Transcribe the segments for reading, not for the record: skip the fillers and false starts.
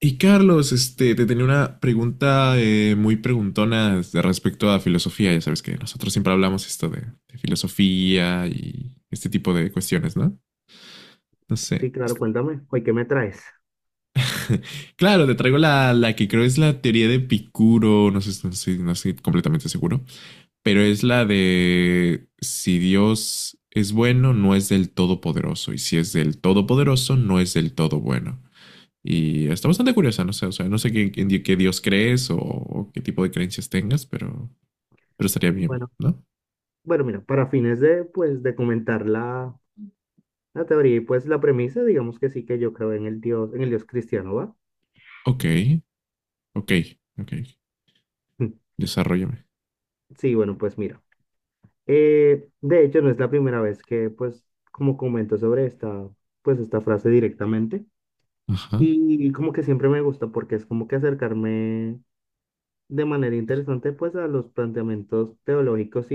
Y Carlos, te tenía una pregunta muy preguntona de respecto a filosofía. Ya sabes que nosotros siempre hablamos esto de filosofía y este tipo de cuestiones, ¿no? No Sí, sé. claro, cuéntame. Oye, ¿qué me traes? Claro, te traigo la que creo es la teoría de Epicuro, no sé, no estoy completamente seguro, pero es la de si Dios es bueno, no es del todopoderoso, y si es del todopoderoso, no es del todo bueno. Y está bastante curiosa, no sé, o sea, no sé qué, qué Dios crees o qué tipo de creencias tengas, pero estaría bien, Bueno, ¿no? bueno, mira, para fines pues, de comentar la teoría y pues la premisa, digamos que sí que yo creo en el Dios cristiano, ¿va? Ok, ok, ok, desarrollame. Sí, bueno, pues mira. De hecho, no es la primera vez pues, como comento sobre pues, esta frase directamente. Ajá, Y como que siempre me gusta porque es como que acercarme de manera interesante, pues, a los planteamientos teológicos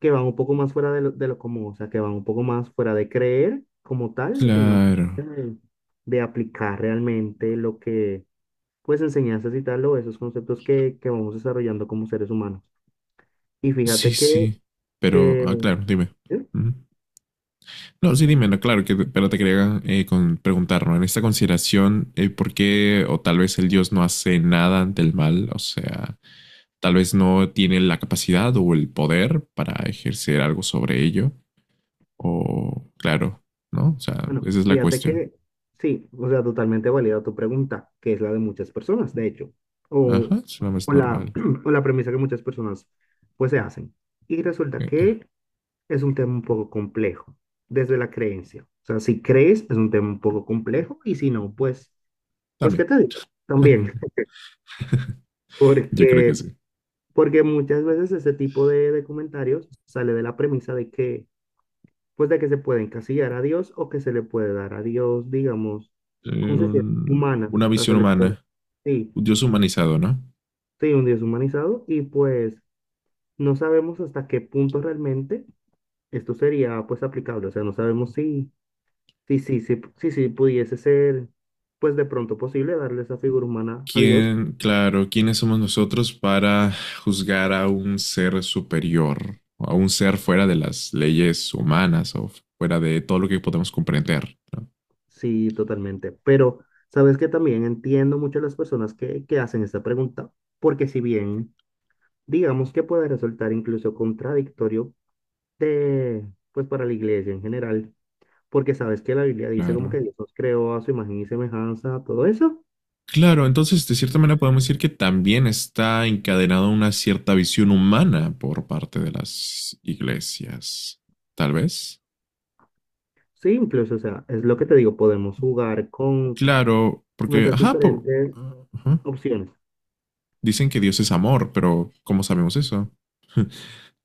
que van un poco más fuera de de lo común, o sea, que van un poco más fuera de creer como tal, sino claro, de, de aplicar realmente lo que, pues, enseñanzas y tal, o esos conceptos que vamos desarrollando como seres humanos. Y sí, fíjate que, sí, pero, que, ah, claro, dime. ¿eh? Ujú. No, sí, dime, no, claro, que, pero te quería preguntar, ¿no? En esta consideración, ¿por qué o tal vez el Dios no hace nada ante el mal? O sea, tal vez no tiene la capacidad o el poder para ejercer algo sobre ello. O claro, ¿no? O sea, Bueno, esa es la fíjate cuestión. que, sí, o sea, totalmente válida tu pregunta, que es la de muchas personas, de hecho, o, Ajá, es una más o la, normal. o la premisa que muchas personas, pues, se hacen. Y resulta Eh, que es un tema un poco complejo, desde la creencia. O sea, si crees, es un tema un poco complejo, y si no, pues, pues, ¿qué también. te digo? También, Yo creo que porque, sí. porque muchas veces ese tipo de comentarios sale de la premisa de pues, de que se puede encasillar a Dios o que se le puede dar a Dios, digamos, concesiones humanas, o Una sea, se visión le puede, humana, sí, un Dios humanizado, ¿no? sí, un Dios humanizado, y pues no sabemos hasta qué punto realmente esto sería, pues, aplicable, o sea, no sabemos si sí, sí, sí, sí, sí, pudiese ser, pues de pronto posible darle esa figura humana a Dios, ¿Quién, claro, quiénes somos nosotros para juzgar a un ser superior, o a un ser fuera de las leyes humanas o fuera de todo lo que podemos comprender, ¿no? sí, totalmente. Pero, ¿sabes que también entiendo mucho a las personas que hacen esta pregunta, porque si bien, digamos que puede resultar incluso contradictorio de, pues para la iglesia en general, porque sabes que la Biblia dice como que Claro. Dios nos creó a su imagen y semejanza, todo eso? Claro, entonces de cierta manera podemos decir que también está encadenada una cierta visión humana por parte de las iglesias, tal vez. Sí, incluso, o sea, es lo que te digo, podemos jugar Claro, con porque, esas ajá, por, diferentes ajá, opciones. dicen que Dios es amor, pero ¿cómo sabemos eso?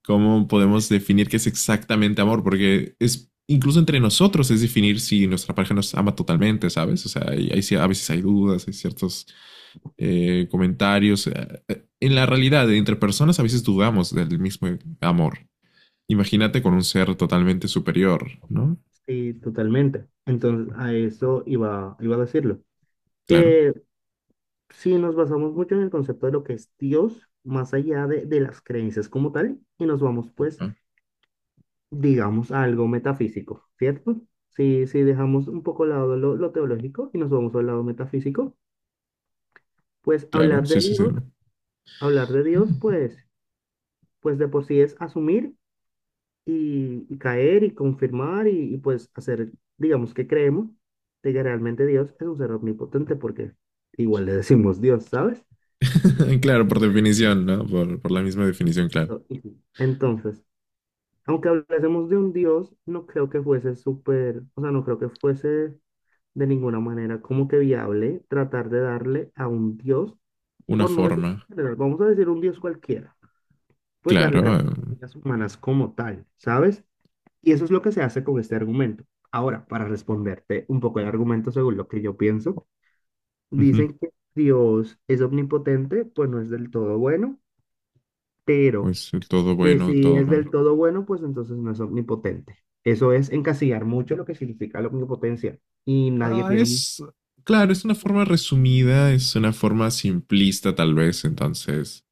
¿Cómo podemos definir qué es exactamente amor? Porque es incluso entre nosotros es definir si nuestra pareja nos ama totalmente, ¿sabes? O sea, a veces hay dudas, hay ciertos comentarios. En la realidad, entre personas a veces dudamos del mismo amor. Imagínate con un ser totalmente superior, ¿no? Sí, totalmente. Entonces, a eso iba, iba a decirlo. Claro. Eh, sí, nos basamos mucho en el concepto de lo que es Dios, más allá de las creencias como tal, y nos vamos, pues, Ah, digamos, a algo metafísico, ¿cierto? Si, si dejamos un poco al lado lo teológico y nos vamos al lado metafísico, pues claro, sí, sí, sí. Hablar de Dios, pues, pues de por sí es asumir y caer y confirmar y, pues hacer, digamos, que creemos de que realmente Dios es un ser omnipotente porque igual le decimos Dios, ¿sabes? Claro, por definición, ¿no? Por la misma definición, claro. Listo. Entonces, aunque hablásemos de un Dios, no creo que fuese súper, o sea, no creo que fuese de ninguna manera como que viable tratar de darle a un Dios, Una por no decir forma, en general, vamos a decir un Dios cualquiera, pues claro. darle características humanas como tal, ¿sabes? Y eso es lo que se hace con este argumento. Ahora, para responderte un poco el argumento según lo que yo pienso, Ujú, dicen que Dios es omnipotente, pues no es del todo bueno, pero pues el todo que bueno, si todo es del mal. todo bueno, pues entonces no es omnipotente. Eso es encasillar mucho lo que significa la omnipotencia y nadie Ah, tiene un... es, claro, es una forma resumida, es una forma simplista tal vez, entonces,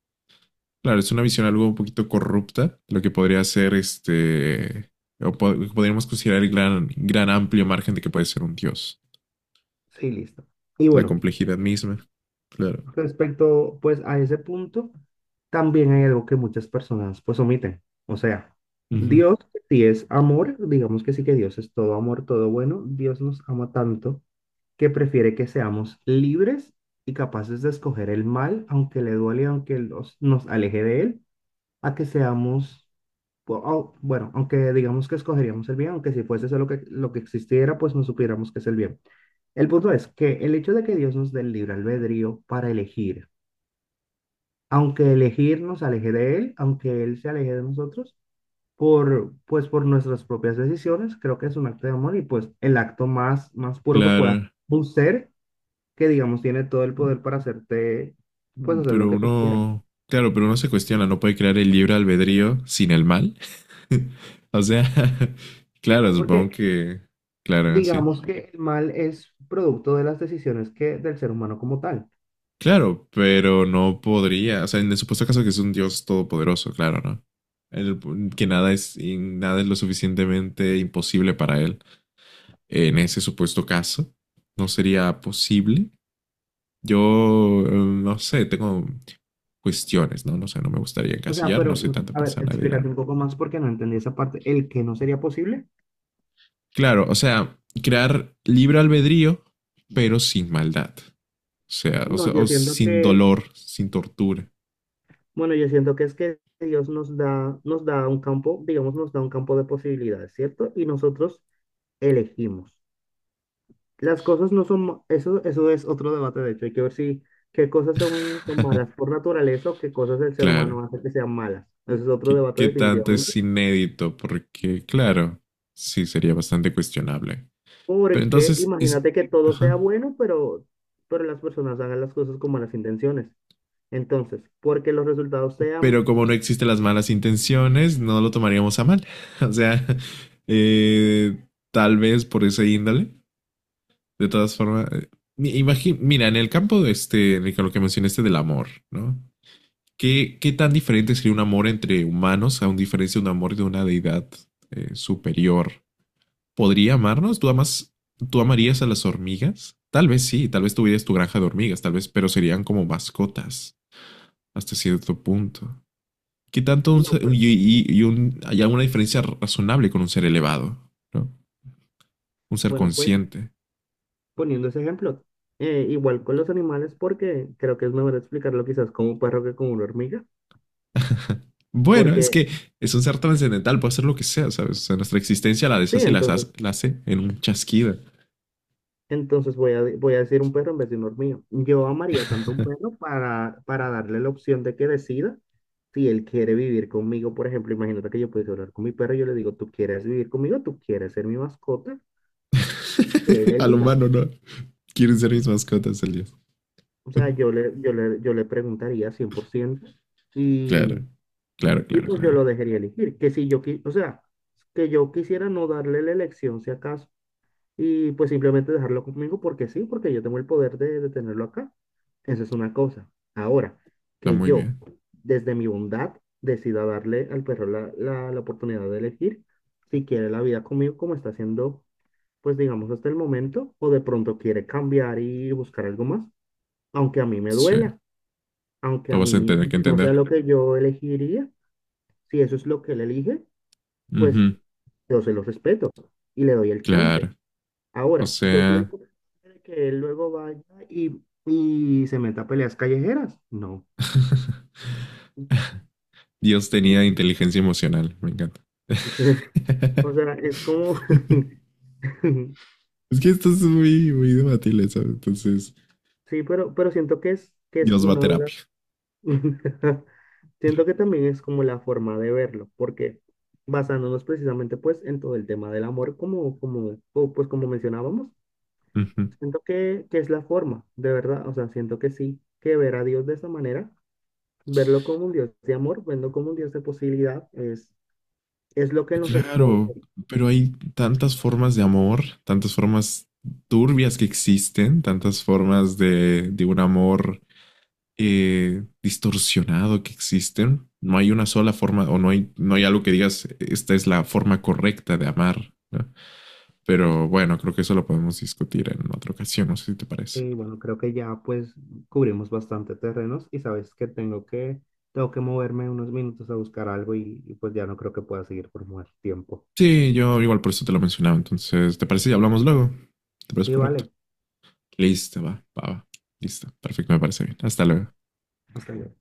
claro, es una visión algo un poquito corrupta, lo que podría ser este, o podríamos considerar el gran amplio margen de que puede ser un dios. Sí, listo. Y La bueno, complejidad misma. Claro, respecto, pues, a ese punto, también hay algo que muchas personas, pues, omiten. O sea, ujú, Dios, si es amor, digamos que sí que Dios es todo amor, todo bueno, Dios nos ama tanto que prefiere que seamos libres y capaces de escoger el mal, aunque le duele, aunque nos aleje de él, a que seamos, bueno, aunque digamos que escogeríamos el bien, aunque si fuese eso lo lo que existiera, pues no supiéramos que es el bien. El punto es que el hecho de que Dios nos dé el libre albedrío para elegir, aunque elegir nos aleje de él, aunque él se aleje de nosotros, pues por nuestras propias decisiones, creo que es un acto de amor y pues el acto más, más puro que pueda. claro, Un ser que, digamos, tiene todo el poder para hacerte, pues hacer lo pero que tú quieras. uno, claro, pero uno se cuestiona, no puede crear el libre albedrío sin el mal. O sea, claro, No, supongo porque que, claro, sí. digamos que el mal es producto de las decisiones que del ser humano como tal. Claro, pero no podría, o sea, en el supuesto caso que es un Dios todopoderoso, claro, ¿no? El- que nada es, y nada es lo suficientemente imposible para él. En ese supuesto caso, no sería posible. Yo, no sé, tengo cuestiones, ¿no? No sé, no me gustaría O sea, encasillar, pero, no soy tanta a ver, persona de edad. explícate un poco más porque no entendí esa parte. ¿El que no sería posible? Claro, o sea, crear libre albedrío, pero sin maldad. O sea, No, yo o siento sin que es dolor, sin tortura. bueno, yo siento que es que Dios nos da un campo, digamos, nos da un campo de posibilidades, ¿cierto? Y nosotros elegimos. Las cosas no son, eso, eso es otro debate, de hecho, hay que ver si qué cosas son, son malas por naturaleza o qué cosas el ser Claro. humano hace que sean malas. Eso es otro ¿Qué, debate qué tanto definitivamente. es inédito? Porque, claro, sí sería bastante cuestionable. Pero Porque entonces es... imagínate que todo sea Ajá, bueno, pero las personas hagan las cosas con malas intenciones. Entonces, porque los resultados pero sean, como no existen las malas intenciones, no lo tomaríamos a mal. O sea, eh, tal vez por ese índole. De todas formas, mira, en el campo de este, en el que lo que mencionaste del amor, ¿no? ¿Qué, qué tan diferente sería un amor entre humanos a un diferencia de un amor de una deidad superior? ¿Podría amarnos? ¿Tú amas, tú amarías a las hormigas? Tal vez sí, tal vez tuvieras tu granja de hormigas, tal vez, pero serían como mascotas hasta cierto punto. ¿Qué tanto un no, ser- bueno, y un- ¿Hay alguna diferencia razonable con un ser elevado, ¿no? Un ser bueno, pues consciente. poniendo ese ejemplo. Igual con los animales, porque creo que es mejor explicarlo quizás con un perro que con una hormiga, Bueno, es porque que es un ser trascendental, puede hacer lo que sea, ¿sabes? O sea, nuestra existencia la sí, deshace y entonces, la hace en un chasquido. entonces voy voy a decir un perro en vez de una hormiga. Yo amaría tanto un perro para darle la opción de que decida si él quiere vivir conmigo. Por ejemplo, imagínate que yo pudiese hablar con mi perro y yo le digo, ¿tú quieres vivir conmigo? ¿Tú quieres ser mi mascota? Que él Al elija. humano, ¿no? Quieren ser mis mascotas el día. O sea, yo le preguntaría 100% Claro, y... claro, Y claro, pues yo claro. lo dejaría elegir, que si yo, o sea, que yo quisiera no darle la elección si acaso, y pues simplemente dejarlo conmigo porque sí, porque yo tengo el poder de tenerlo acá. Esa es una cosa. Ahora, Está que muy yo, bien. desde mi bondad, decida darle al perro la oportunidad de elegir si quiere la vida conmigo como está haciendo, pues digamos hasta el momento, o de pronto quiere cambiar y buscar algo más, aunque a mí me Sí, duela, aunque lo a vas a mí tener que no sea entender. lo que yo elegiría, si eso es lo que él elige, pues Ujú, yo se los respeto y le doy el chance. claro. O Ahora, yo soy el sea... de que él luego vaya y se meta a peleas callejeras. No. Dios tenía inteligencia emocional, me encanta. O sea, o sea, es como... Es que esto es muy, muy debatible, ¿sabes? Entonces, Sí, pero siento que es, que es Dios va a una de las- terapia. Siento que también es como la forma de verlo, porque basándonos precisamente pues en todo el tema del amor, pues como mencionábamos, Ujú. siento que es la forma, de verdad, o sea, siento que sí, que ver a Dios de esa manera. Verlo como un Dios de amor, verlo como un Dios de posibilidad, es lo que Y nos responde. claro, pero hay tantas formas de amor, tantas formas turbias que existen, tantas formas de un amor distorsionado que existen. No hay una sola forma o no hay, no hay algo que digas, esta es la forma correcta de amar, ¿no? Pero bueno, creo que eso lo podemos discutir en otra ocasión, no sé si te parece. Y bueno, creo que ya pues cubrimos bastante terrenos y sabes que tengo que, tengo que moverme unos minutos a buscar algo y pues ya no creo que pueda seguir por más tiempo. Sí, yo igual por eso te lo mencionaba, entonces, ¿te parece si hablamos luego? ¿Te parece Sí, correcto? vale. Listo, va, va, va. Listo, perfecto, me parece bien. Hasta luego. Hasta luego.